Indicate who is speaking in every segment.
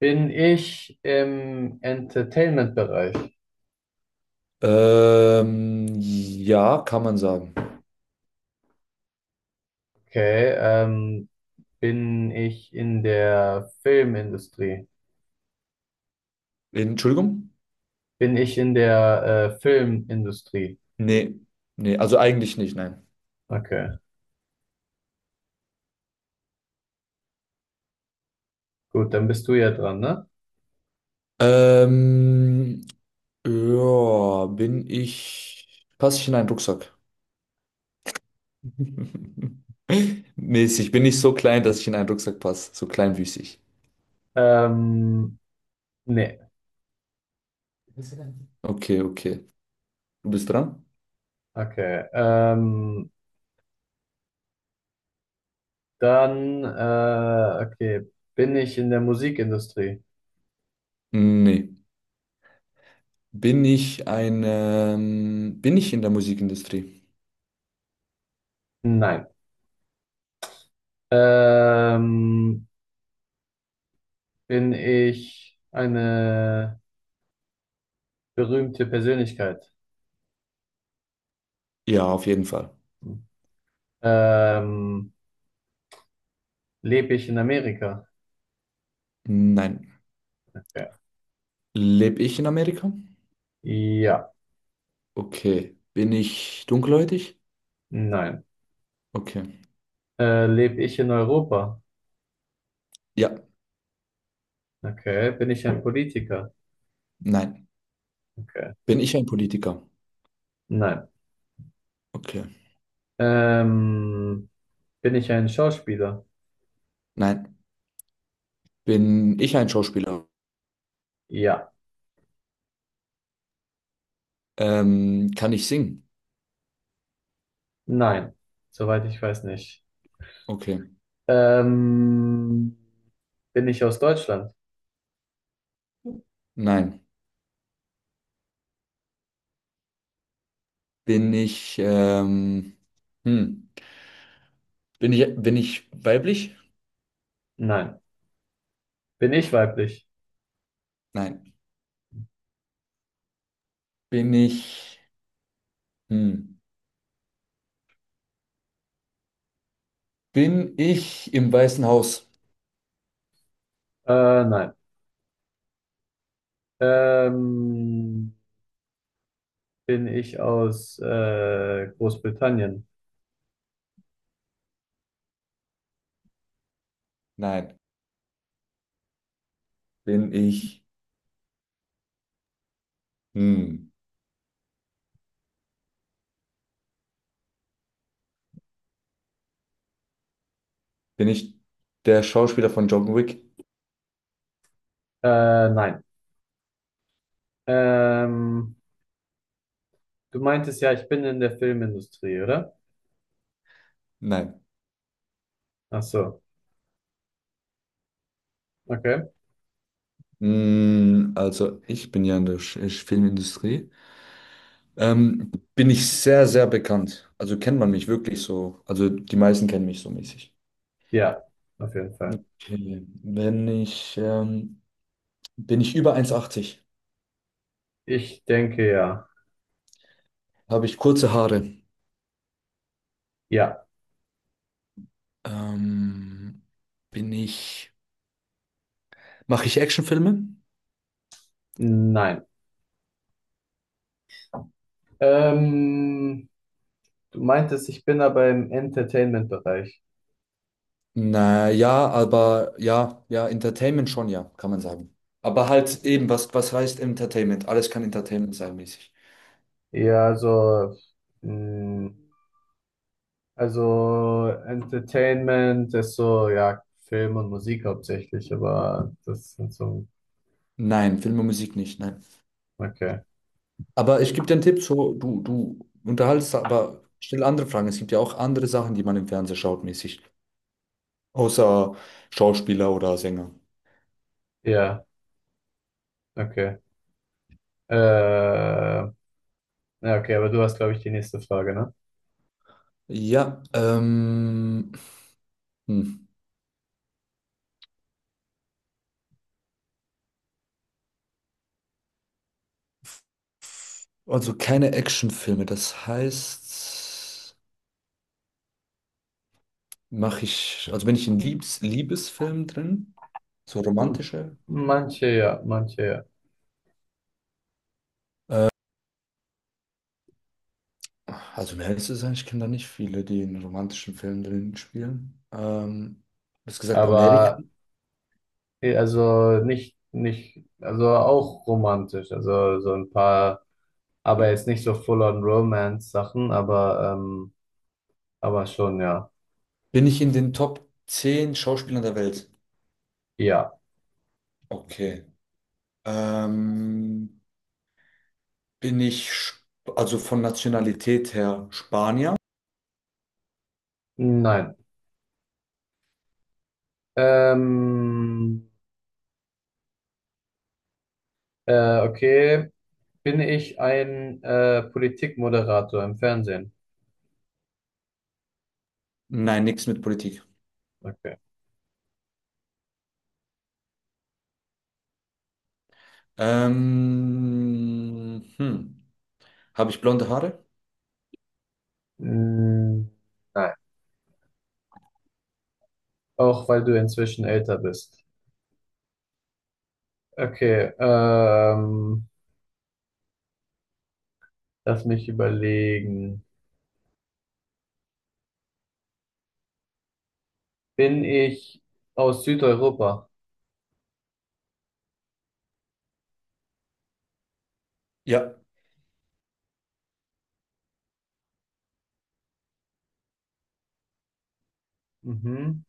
Speaker 1: Bin ich im Entertainment-Bereich?
Speaker 2: Ja, kann man sagen.
Speaker 1: Okay. Bin ich in der Filmindustrie?
Speaker 2: Entschuldigung?
Speaker 1: Bin ich in der Filmindustrie?
Speaker 2: Nee, nee, also eigentlich nicht, nein.
Speaker 1: Okay. Gut, dann bist du ja dran, ne?
Speaker 2: Ähm, ja, passe ich in einen Rucksack? Mäßig, bin ich so klein, dass ich in einen Rucksack passe, so kleinwüchsig.
Speaker 1: Ähm, nee.
Speaker 2: Okay, okay. Du bist dran?
Speaker 1: Okay. Okay. Bin ich in der Musikindustrie?
Speaker 2: Nee. Bin ich in der Musikindustrie?
Speaker 1: Nein. Ähm, bin ich eine berühmte Persönlichkeit?
Speaker 2: Ja, auf jeden Fall.
Speaker 1: Ähm, Lebe ich in Amerika?
Speaker 2: Nein.
Speaker 1: Okay.
Speaker 2: Lebe ich in Amerika?
Speaker 1: Ja,
Speaker 2: Okay. Bin ich dunkelhäutig?
Speaker 1: nein.
Speaker 2: Okay.
Speaker 1: Lebe ich in Europa?
Speaker 2: Ja.
Speaker 1: Okay. Bin ich ein Politiker?
Speaker 2: Nein.
Speaker 1: Okay.
Speaker 2: Bin ich ein Politiker?
Speaker 1: Nein.
Speaker 2: Okay.
Speaker 1: Ähm, bin ich ein Schauspieler?
Speaker 2: Nein. Bin ich ein Schauspieler?
Speaker 1: Ja,
Speaker 2: Kann ich singen?
Speaker 1: nein. Soweit ich weiß nicht.
Speaker 2: Okay.
Speaker 1: Ähm, bin ich aus Deutschland?
Speaker 2: Nein. Bin ich, hm. Bin ich weiblich?
Speaker 1: Nein. Bin ich weiblich?
Speaker 2: Nein. Bin ich, hm. Bin ich im Weißen Haus?
Speaker 1: Nein. Ähm, bin ich aus Großbritannien?
Speaker 2: Nein. Bin ich, hm. Bin ich der Schauspieler von John Wick?
Speaker 1: Nein. Ähm, du meintest ja, ich bin in der Filmindustrie, oder?
Speaker 2: Nein.
Speaker 1: Ach so, okay.
Speaker 2: Also ich bin ja in der Filmindustrie. Bin ich sehr, sehr bekannt. Also kennt man mich wirklich so. Also die meisten kennen mich so mäßig.
Speaker 1: Ja, auf jeden Fall.
Speaker 2: Okay. Wenn ich, Bin ich über eins Komma achtzig?
Speaker 1: Ich denke ja.
Speaker 2: Habe ich kurze Haare?
Speaker 1: Ja,
Speaker 2: Ähm, bin ich, Mache ich Actionfilme?
Speaker 1: nein. Ähm, du meintest, ich bin aber im Entertainment-Bereich.
Speaker 2: Naja, aber ja, ja, Entertainment schon, ja, kann man sagen. Aber halt eben, was heißt Entertainment? Alles kann Entertainment sein mäßig.
Speaker 1: Ja, also, mh, also Entertainment ist so, ja, Film und Musik hauptsächlich, aber das sind so,
Speaker 2: Nein, Film und Musik nicht, nein.
Speaker 1: okay.
Speaker 2: Aber ich gebe dir einen Tipp, so, du unterhaltest, aber stell andere Fragen. Es gibt ja auch andere Sachen, die man im Fernsehen schaut, mäßig. Außer Schauspieler oder Sänger.
Speaker 1: Ja, okay. Ja, okay, aber du hast, glaube ich, die nächste Frage, ne?
Speaker 2: Ja, ähm, hm. Also keine Actionfilme. Das heißt, also bin ich in Liebesfilmen drin, so
Speaker 1: Hm.
Speaker 2: romantische Filme.
Speaker 1: Manche ja, manche ja.
Speaker 2: Ach, also mehr ist es eigentlich, ich kenne da nicht viele, die in romantischen Filmen drin spielen. Du hast gesagt, Amerika.
Speaker 1: Aber eh, also nicht, nicht, also auch romantisch, also so ein paar, aber jetzt nicht so full-on Romance-Sachen, aber schon, ja.
Speaker 2: Bin ich in den Top 10 Schauspielern der Welt?
Speaker 1: Ja.
Speaker 2: Okay. Ähm, bin ich, Sp- also von Nationalität her Spanier?
Speaker 1: Nein. Ähm, okay. Bin ich ein Politikmoderator im Fernsehen?
Speaker 2: Nein, nichts mit Politik.
Speaker 1: Okay.
Speaker 2: Ähm, hm. Habe ich blonde Haare?
Speaker 1: Mm, nein. Auch weil du inzwischen älter bist. Okay. Lass mich überlegen. Bin ich aus Südeuropa?
Speaker 2: Ja.
Speaker 1: Mhm.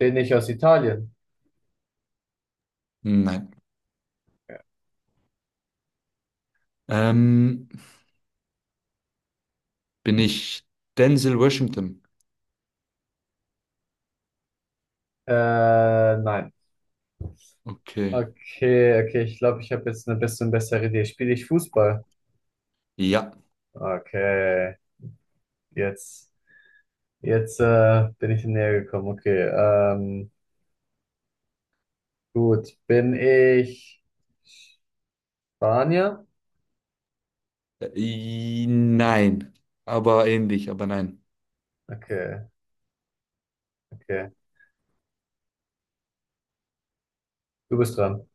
Speaker 1: Bin ich aus Italien?
Speaker 2: Nein. Ähm, Bin ich Denzel Washington?
Speaker 1: Äh, nein.
Speaker 2: Okay.
Speaker 1: Okay, okay, ich glaube, ich habe jetzt eine bisschen bessere Idee. Spiele ich Fußball?
Speaker 2: Ja.
Speaker 1: Okay, jetzt, jetzt äh, bin ich näher gekommen. Okay, gut. Bin ich Spanier?
Speaker 2: Nein. Aber ähnlich, aber nein.
Speaker 1: Okay, okay. Du bist dran.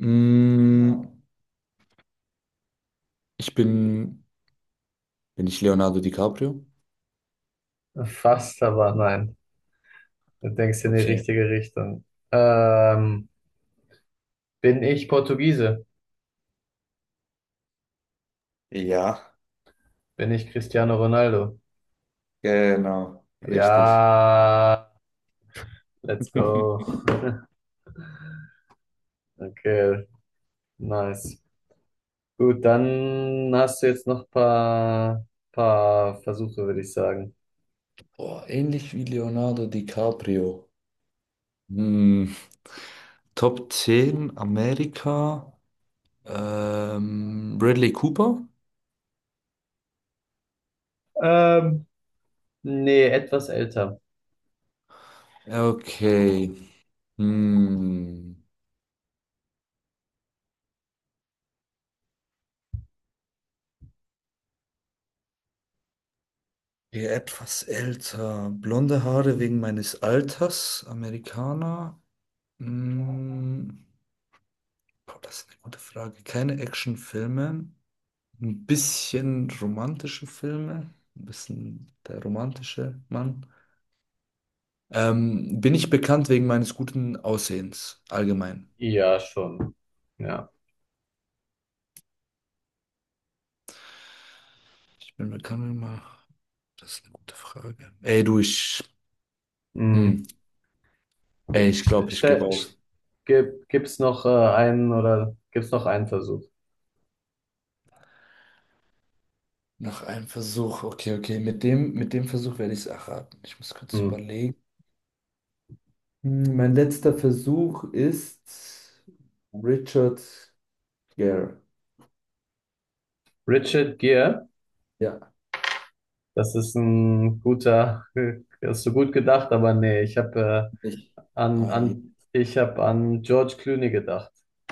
Speaker 2: Mm, ich bin, bin ich Leonardo DiCaprio?
Speaker 1: Fast, aber nein. Du denkst in die
Speaker 2: Okay.
Speaker 1: richtige Richtung. Ähm, bin ich Portugiese?
Speaker 2: Ja,
Speaker 1: Bin ich Cristiano Ronaldo?
Speaker 2: genau. Richtig.
Speaker 1: Ja, let's go. Okay, nice. Gut, dann hast du jetzt noch ein paar, Versuche, würde ich sagen.
Speaker 2: Boah, ähnlich wie Leonardo DiCaprio. Hm, Top 10 Amerika. Bradley Cooper?
Speaker 1: Ähm, nee, etwas älter.
Speaker 2: Okay. Hm. Hier etwas älter. Blonde Haare wegen meines Alters. Amerikaner. Hm. Boah, das ist eine gute Frage. Keine Actionfilme. Ein bisschen romantische Filme. Ein bisschen der romantische Mann. Bin ich bekannt wegen meines guten Aussehens allgemein?
Speaker 1: Ja, schon. Ja.
Speaker 2: Ich bin bekannt immer. Das ist eine gute Frage. Ey, du, ich.
Speaker 1: Hm.
Speaker 2: Hm. Ey, ich
Speaker 1: St-
Speaker 2: glaube, ich gebe
Speaker 1: ste-
Speaker 2: auf.
Speaker 1: st- gibt's noch einen oder gibt's noch einen Versuch?
Speaker 2: Nach einem Versuch. Okay, okay. Mit dem Versuch werde ich es erraten. Ich muss kurz
Speaker 1: Hm.
Speaker 2: überlegen. Hm, mein letzter Versuch ist Richard Gere.
Speaker 1: Richard Gere,
Speaker 2: Ja,
Speaker 1: das ist ein guter, hast du gut gedacht, aber nee, ich habe
Speaker 2: ich.
Speaker 1: ich habe an George Clooney gedacht.